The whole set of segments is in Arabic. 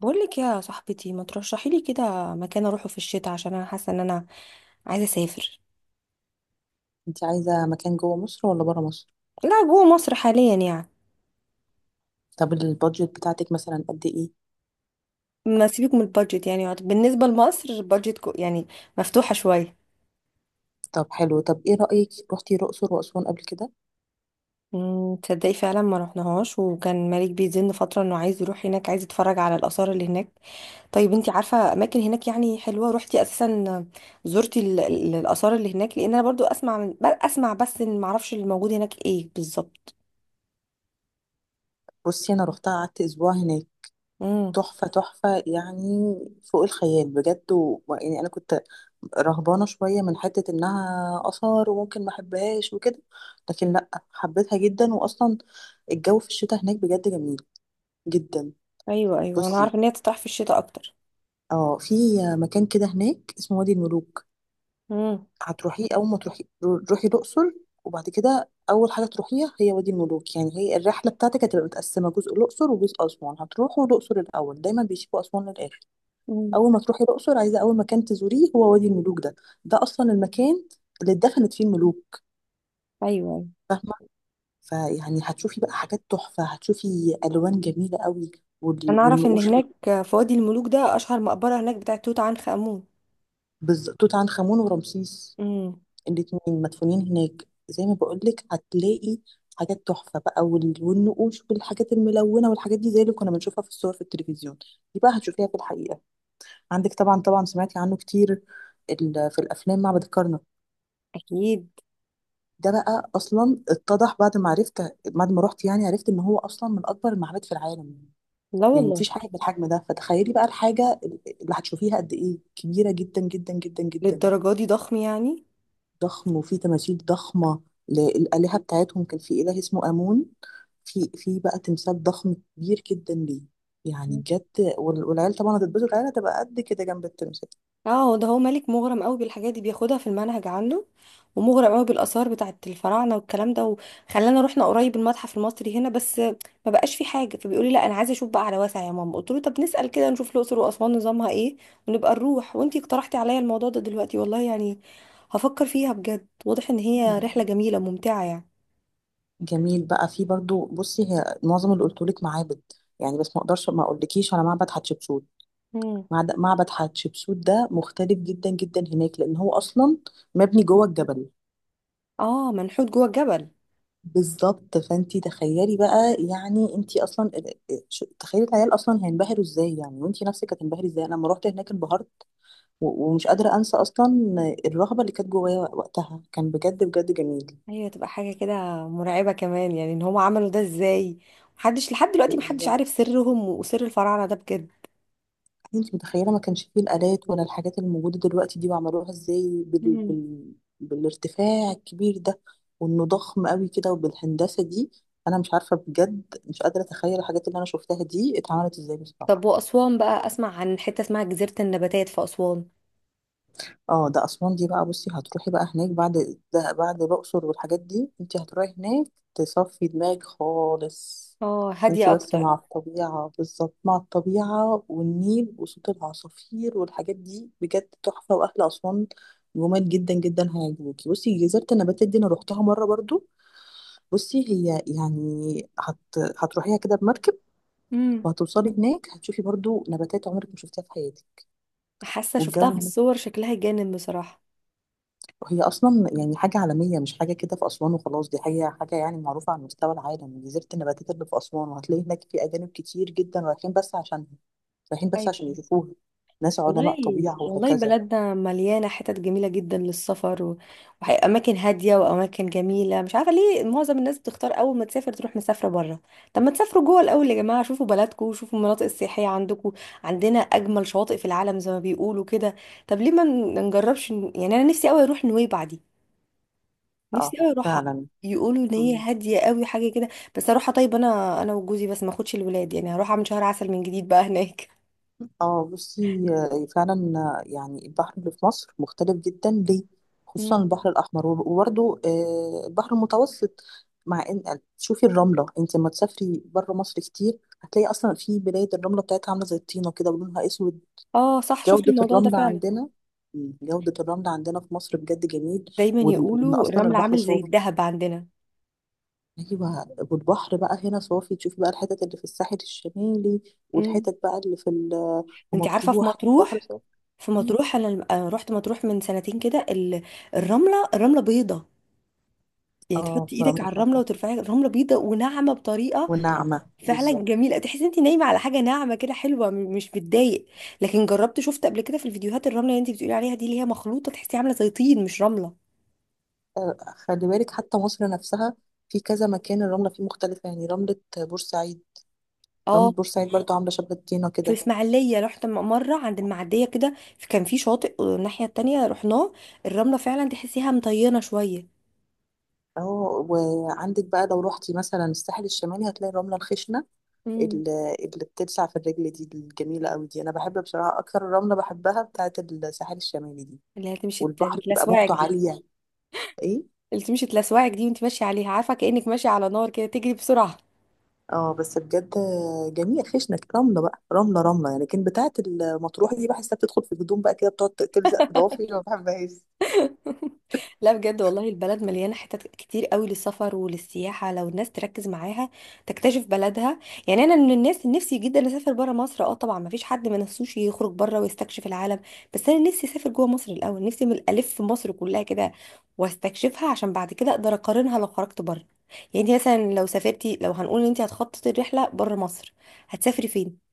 بقولك يا صاحبتي ما ترشحي لي كده مكان اروحه في الشتاء عشان انا حاسه ان انا عايزه اسافر. انت عايزة مكان جوه مصر ولا برا مصر؟ لا جوه مصر حاليا يعني. طب البادجت بتاعتك مثلا قد ايه؟ ما سيبك من البادجت، يعني بالنسبه لمصر البادجت يعني مفتوحه شويه. طب حلو، طب ايه رأيك، روحتي الأقصر وأسوان قبل كده؟ تصدقي فعلا ما رحناهاش، وكان مالك بيزن فتره انه عايز يروح هناك، عايز يتفرج على الاثار اللي هناك. طيب انتي عارفه اماكن هناك يعني حلوه؟ روحتي اساسا؟ زرتي الاثار اللي هناك؟ لان انا برضو اسمع اسمع بس، إن ما اعرفش اللي موجود هناك ايه بالظبط. بصي، انا روحتها، قعدت اسبوع هناك. تحفة تحفة يعني، فوق الخيال بجد يعني انا كنت رهبانة شوية من حتة انها آثار وممكن ما احبهاش وكده، لكن لا، حبيتها جدا. واصلا الجو في الشتاء هناك بجد جميل جدا. ايوه انا بصي، عارفه ان هي تطرح في الشتاء اكتر. اه، في مكان كده هناك اسمه وادي الملوك. امم. هتروحي اول ما تروحي روحي الاقصر، وبعد كده اول حاجه تروحيها هي وادي الملوك. يعني هي الرحله بتاعتك هتبقى متقسمه، جزء الاقصر وجزء اسوان. هتروحوا الاقصر الاول، دايما بيسيبوا اسوان للاخر. امم. اول ما تروحي الاقصر، عايزه اول مكان تزوريه هو وادي الملوك ده. ده اصلا المكان اللي اتدفنت فيه الملوك، ايوه، فاهمه؟ فيعني هتشوفي بقى حاجات تحفه، هتشوفي الوان جميله قوي وال- انا اعرف ان والنقوش اللي- هناك في وادي الملوك ده اشهر مقبره هناك بتاعه توت عنخ امون. توت عنخ امون ورمسيس، امم. الاتنين مدفونين هناك. زي ما بقولك، هتلاقي حاجات تحفة بقى والنقوش والحاجات الملونة والحاجات دي، زي اللي كنا بنشوفها في الصور في التلفزيون، دي بقى هتشوفيها في الحقيقة. عندك طبعا طبعا، سمعتي عنه كتير في الأفلام، معبد الكرنك. اكيد. ده بقى أصلا اتضح بعد ما عرفت، بعد ما رحت يعني، عرفت إن هو أصلا من أكبر المعابد في العالم. لا يعني والله. مفيش حاجة بالحجم ده، فتخيلي بقى الحاجة اللي هتشوفيها قد إيه، كبيرة جدا جدا جدا جدا. للدرجه دي ضخم يعني؟ ضخم وفي تماثيل ضخمة للآلهة بتاعتهم. كان في إله اسمه آمون، في بقى تمثال ضخم كبير جدا ليه، يعني بجد. والعيال طبعا هتتبسط، العيال هتبقى قد كده جنب التمثال. اه، هو ده، هو مالك مغرم قوي بالحاجات دي، بياخدها في المنهج عنده، ومغرم قوي بالاثار بتاعه الفراعنه والكلام ده، وخلانا رحنا قريب المتحف المصري هنا، بس ما بقاش في حاجه، فبيقول لي لا انا عايزه اشوف بقى على واسع يا ماما. قلت له طب نسال كده، نشوف الاقصر واسوان نظامها ايه، ونبقى نروح. وانتي اقترحتي عليا الموضوع ده دلوقتي، والله يعني هفكر فيها بجد. واضح ان هي رحله جميله ممتعه يعني. جميل بقى. في برضو بصي، هي معظم اللي قلتهولك معابد يعني، بس ما اقدرش ما اقولكيش على معبد حتشبسوت. مم. معبد حتشبسوت ده مختلف جدا جدا هناك، لان هو اصلا مبني جوه الجبل. اه، منحوت جوه الجبل. بالظبط، فانتي تخيلي بقى يعني، انتي اصلا تخيلي العيال اصلا هينبهروا ازاي، يعني وانتي نفسك هتنبهري ازاي. انا لما رحت هناك انبهرت ومش قادره انسى اصلا الرهبه اللي كانت جوايا وقتها. كان بجد بجد جميل. ايوه، تبقى حاجه كده مرعبه كمان، يعني ان هم عملوا ده ازاي؟ محدش لحد دلوقتي، محدش بالظبط، عارف سرهم وسر الفراعنه ده بجد. انتي متخيله ما كانش فيه الالات ولا الحاجات اللي موجوده دلوقتي دي، وعملوها ازاي مم. بالارتفاع الكبير ده، وانه ضخم قوي كده وبالهندسه دي. انا مش عارفه بجد، مش قادره اتخيل الحاجات اللي انا شفتها دي اتعملت ازاي بصراحه. طب واسوان بقى، اسمع عن حته اسمها جزيره النباتات في اسوان. اه، ده اسوان دي بقى. بصي، هتروحي بقى هناك بعد ده، بعد الاقصر والحاجات دي انت هتروحي هناك تصفي دماغك خالص. اه، انت هاديه بس اكتر. مع الطبيعه، بالظبط، مع الطبيعه والنيل وصوت العصافير والحاجات دي، بجد تحفه. واهل اسوان جمال جدا جدا، هيعجبوكي. بصي، جزيره النباتات دي انا روحتها مره برضو. بصي هي يعني هت... هتروحيها كده بمركب، مم. وهتوصلي هناك هتشوفي برضو نباتات عمرك ما شفتيها في حياتك. حاسه شفتها والجو في هناك، الصور، شكلها جانب بصراحه. هي اصلا يعني حاجه عالميه، مش حاجه كده في اسوان وخلاص، دي حاجه يعني معروفه على مستوى العالم، جزيره النباتات اللي في اسوان. وهتلاقي هناك في اجانب كتير جدا رايحين بس عشان ايوه. يشوفوها، ناس علماء والله، طبيعه والله وهكذا. بلدنا مليانة حتت جميلة جدا للسفر، وأماكن هادية وأماكن جميلة. مش عارفة ليه معظم الناس بتختار أول ما تسافر تروح مسافرة بره. طب ما تسافروا جوه الأول يا جماعة، شوفوا بلدكم وشوفوا المناطق السياحية عندكم. عندنا أجمل شواطئ في العالم زي ما بيقولوا كده. طب ليه ما نجربش يعني؟ أنا نفسي أوي أروح نويبع دي، اه، نفسي أوي أروحها. فعلا. يقولوا ان هي مم. هاديه قوي حاجه كده. بس اروحها طيب انا وجوزي بس، ما اخدش الولاد، يعني هروح اعمل شهر عسل من جديد بقى هناك. اه بصي، فعلا. يعني البحر اللي في مصر مختلف جدا ليه، مم. خصوصا البحر الاحمر، وبرده البحر المتوسط. مع ان، شوفي الرمله، انت لما تسافري بره مصر كتير هتلاقي اصلا في بلاد الرمله بتاعتها عامله زي الطينه كده ولونها اسود. اه صح، شفت جودة الموضوع ده الرمل فعلا. عندنا، جودة الرمل عندنا في مصر بجد جميل. دايما وإن يقولوا أصلا الرمل البحر عامل زي صافي. الذهب عندنا. أيوة، والبحر بقى هنا صافي، تشوفي بقى الحتت اللي في الساحل الشمالي امم. والحتت بقى اللي في في انت عارفه في مطروح، البحر مطروح، صافي. في مم. مطروح انا رحت مطروح من سنتين كده. الرمله بيضه، يعني اه، تحطي ايدك رملة على الرمله مطروح، وترفعي الرمله بيضه وناعمه بطريقه وناعمة فعلا بالظبط. جميله. تحسي انت نايمه على حاجه ناعمه كده حلوه، مش بتضايق. لكن جربت شفت قبل كده في الفيديوهات الرمله اللي انت بتقولي عليها دي، اللي هي مخلوطه، تحسيها عامله زي طين مش رمله. خلي بالك، حتى مصر نفسها في كذا مكان الرملة فيه مختلفة. يعني رملة بورسعيد، رملة اه، بورسعيد برضو عاملة شبه الطينة في كده. الاسماعيليه رحت مره عند المعديه كده، كان في شاطئ الناحيه التانيه رحناه، الرمله فعلا تحسيها مطينه شويه. اه، وعندك بقى لو روحتي مثلا الساحل الشمالي هتلاقي الرملة الخشنة امم. اللي بتلسع في الرجل دي، الجميلة قوي دي. أنا بحب بصراحة أكتر الرملة، بحبها بتاعة الساحل الشمالي دي. اللي هي تمشي والبحر بيبقى تلسوعك موجته دي، عالية. إيه؟ اللي تمشي تلسوعك دي وانت ماشيه عليها، عارفه كانك ماشيه على نار كده، تجري بسرعه. اه، بس بجد جميل. خشنة رملة بقى، رملة يعني. لكن بتاعة المطروح دي بحسها بتدخل في الهدوم بقى كده، بتقعد تلزق في ضوافري، ما بحبهاش. لا بجد والله، البلد مليانه حتت كتير قوي للسفر وللسياحه، لو الناس تركز معاها تكتشف بلدها. يعني انا من الناس اللي نفسي جدا اسافر بره مصر، اه طبعا، ما فيش حد ما نفسوش يخرج بره ويستكشف العالم. بس انا نفسي اسافر جوه مصر الاول، نفسي من الالف مصر كلها كده واستكشفها، عشان بعد كده اقدر اقارنها لو خرجت بره. يعني انت مثلا لو سافرتي، لو هنقول ان انت هتخططي الرحله بره مصر، هتسافري فين؟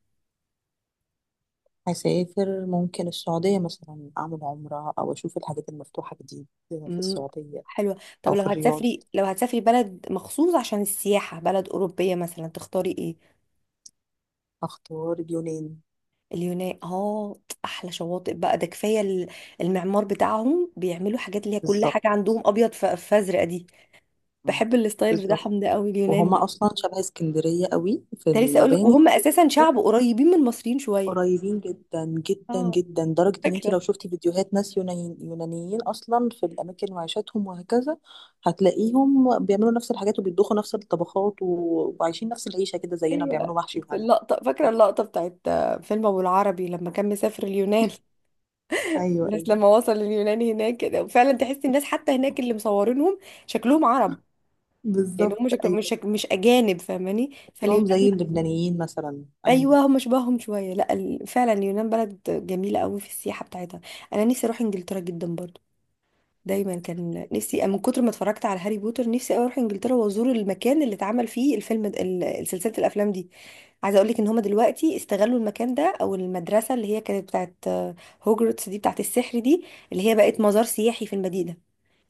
هسافر ممكن السعودية مثلا، أعمل عمرة، أو أشوف الحاجات المفتوحة جديد في مم، السعودية، حلوة. طب أو لو في الرياض. هتسافري، لو هتسافري بلد مخصوص عشان السياحة، بلد أوروبية مثلا، تختاري ايه؟ أختار اليونان. اليونان، اه، أحلى شواطئ بقى ده، كفاية المعمار بتاعهم، بيعملوا حاجات اللي هي كل بالظبط. حاجة عندهم أبيض فأزرق دي. مم. بحب الستايل بالظبط، بتاعهم ده أوي، اليونان وهم ده. اصلا شبه اسكندريه قوي في كنت لسه أقولك، المباني. وهم أساسا شعب قريبين من المصريين شوية. قريبين جدا جدا اه، جدا، لدرجه ان انت لو فاكرة. شفتي فيديوهات ناس يونانيين، يونانيين اصلا في الاماكن وعيشاتهم وهكذا، هتلاقيهم بيعملوا نفس الحاجات وبيطبخوا نفس الطبخات وعايشين نفس العيشه كده زينا، أيوة، بيعملوا محشي في وحاجات. اللقطة، فاكرة اللقطة بتاعت فيلم أبو العربي لما كان مسافر اليونان. ايوه، الناس ايوه، لما وصل اليوناني هناك كده، وفعلا تحس الناس حتى هناك اللي مصورينهم شكلهم عرب. يعني بالظبط، هم شكلهم ايوه. مش مش اجانب، فاهماني؟ اكلهم فاليونان لا. زي اللبنانيين مثلا، ايوه. ايوه، هم شبههم شويه. لا فعلا اليونان بلد جميله قوي في السياحه بتاعتها. انا نفسي اروح انجلترا جدا برضو. دايما كان نفسي، من كتر ما اتفرجت على هاري بوتر، نفسي أوي اروح انجلترا وازور المكان اللي اتعمل فيه سلسله الافلام دي. عايزه اقول لك ان هم دلوقتي استغلوا المكان ده، او المدرسه اللي هي كانت بتاعت هوجرتس دي بتاعت السحر دي، اللي هي بقت مزار سياحي في المدينه.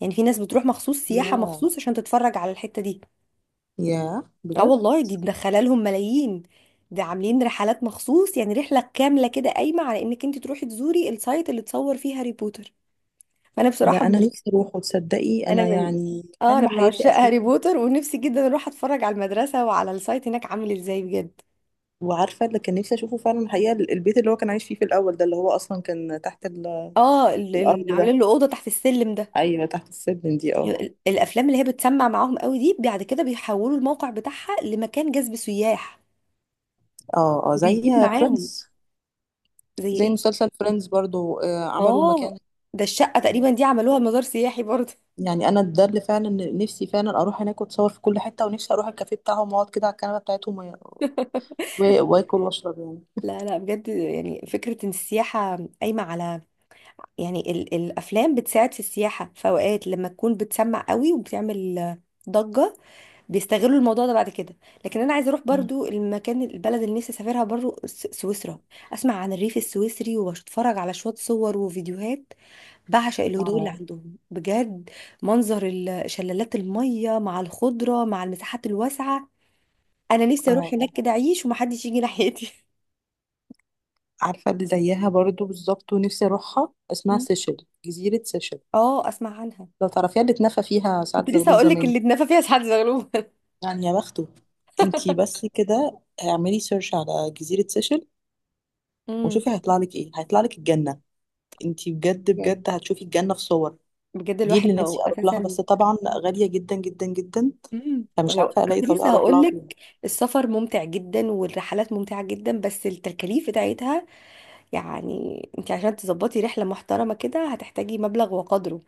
يعني في ناس بتروح مخصوص، سياحة ياه، مخصوص عشان تتفرج على الحتة دي. ياه اه بجد. والله، دي مدخله لهم ملايين. ده عاملين رحلات مخصوص، يعني رحلة كاملة كده قايمة على انك انت تروحي تزوري السايت اللي اتصور فيه هاري بوتر. فانا ده بصراحة انا من، نفسي اروح، وتصدقي انا انا من، يعني اه انا حلم من حياتي عشاق هاري اشوفه. بوتر، ونفسي جدا اروح اتفرج على المدرسة وعلى السايت هناك عامل ازاي بجد. وعارفه اللي كان نفسي اشوفه فعلا الحقيقه، البيت اللي هو كان عايش فيه في الاول ده، اللي هو اصلا كان تحت اه، الارض ده. عاملين له أوضة تحت السلم ده. ايوه، تحت السلم دي، اه. الافلام اللي هي بتسمع معاهم قوي دي، بعد كده بيحولوا الموقع بتاعها لمكان جذب سياح اه، اه، زي وبيجيب معاهم. فريندز، زي زي ايه؟ مسلسل فريندز برضو. عملوا المكان، اه، ده الشقة تقريبا دي عملوها مزار سياحي برضه. يعني انا ده اللي فعلا نفسي، فعلا اروح هناك واتصور في كل حته، ونفسي اروح الكافيه بتاعهم واقعد كده على الكنبه بتاعتهم واكل واشرب يعني. لا لا بجد، يعني فكرة ان السياحة قايمة على، يعني ال الافلام بتساعد في السياحة في اوقات لما تكون بتسمع قوي وبتعمل ضجة، بيستغلوا الموضوع ده بعد كده. لكن انا عايزة اروح مم. برضو المكان، البلد اللي نفسي اسافرها برضو سويسرا. اسمع عن الريف السويسري، واتفرج على شوية صور وفيديوهات. بعشق الهدوء اللي اه، عندهم بجد. منظر شلالات المية مع الخضرة مع المساحات الواسعة. انا اه. نفسي اروح هناك كده اعيش ومحدش يجي ناحيتي. عارفه اللي زيها برضو بالظبط ونفسي اروحها، اسمها مم. سيشل، جزيره سيشل. اه، اسمع عنها. لو تعرفيها، اللي اتنفى فيها سعد كنت لسه زغلول هقول لك زمان. اللي اتنفى فيها سعد زغلول. يعني يا بخته. انتي بس كده اعملي سيرش على جزيرة سيشل، مم. وشوفي هيطلع لك ايه. هيطلع لك الجنة. انتي بجد بجد، بجد هتشوفي الجنة في صور. بجد دي الواحد اللي نفسي لو اروح لها، اساسا. بس طبعا غالية جدا جدا جدا، مم. فمش ولو، عارفة الاقي كنت طريقة لسه اروح هقول لها فيها. لك، السفر ممتع جدا والرحلات ممتعه جدا، بس التكاليف بتاعتها، يعني انت عشان تظبطي رحله محترمه كده هتحتاجي مبلغ وقدره.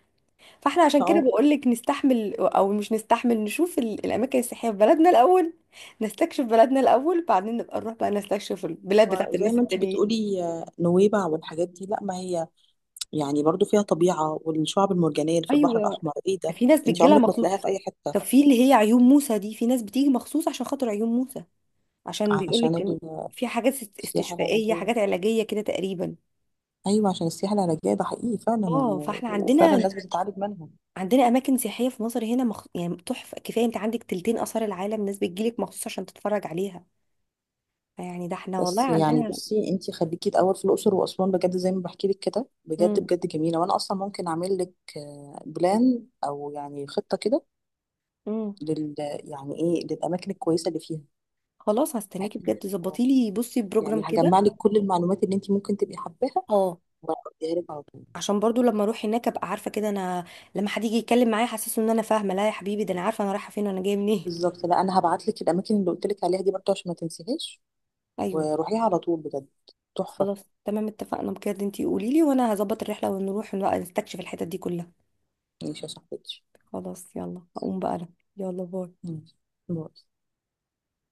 فاحنا عشان كده اه بقول لك نستحمل او مش نستحمل، نشوف الاماكن السياحيه في بلدنا الاول، نستكشف بلدنا الاول، بعدين نبقى نروح بقى نستكشف البلاد بتاعت زي الناس ما انتي التانيين. بتقولي، نويبع والحاجات دي، لا، ما هي يعني برضو فيها طبيعة، والشعب المرجانية اللي في البحر ايوه، الأحمر ايه ده، في ناس انتي بتجيلها عمرك ما مخصوص. تلاقيها في أي حتة. طب في اللي هي عيون موسى دي، في ناس بتيجي مخصوص عشان خاطر عيون موسى، عشان عشان بيقولك ان في حاجات السياحة استشفائيه، العلاجية، حاجات علاجيه كده تقريبا. ايوه، عشان السياحه العلاجيه ده حقيقي فعلا اه فاحنا وفعلا عندنا، الناس بتتعالج منهم. عندنا اماكن سياحيه في مصر هنا يعني تحفه. كفايه انت عندك تلتين اثار العالم، ناس بتجيلك مخصوص عشان تتفرج عليها. يعني ده احنا والله بس يعني عندنا. بصي، انتي خليكي الاول في الاقصر واسوان، بجد زي ما بحكي لك كده، بجد امم. بجد جميله. وانا اصلا ممكن اعمل لك بلان، او يعني خطه كده امم. لل يعني ايه للاماكن الكويسه اللي فيها، خلاص بحيث هستناكي بجد، آه، ظبطي لي بصي يعني بروجرام كده. هجمع لك كل المعلومات اللي انتي ممكن تبقي حباها، اه، وهديها لك على طول. عشان برضو لما اروح هناك ابقى عارفه كده، انا لما حد يجي يتكلم معايا حاسسه ان انا فاهمه. لا يا حبيبي، ده انا عارفه انا رايحه فين وانا جايه منين. بالظبط، لا، انا هبعت لك الاماكن اللي قلت لك عليها دي برضه عشان ما تنسيهاش، ايوه. وروحيها على طول بجد، تحفه. خلاص تمام، اتفقنا بجد، انتي قولي لي وانا هظبط الرحله ونروح ونبقى نستكشف الحتت دي كلها. ماشي يا صاحبتي. خلاص يلا هقوم بقى انا، يلا باي. ماشي. باي.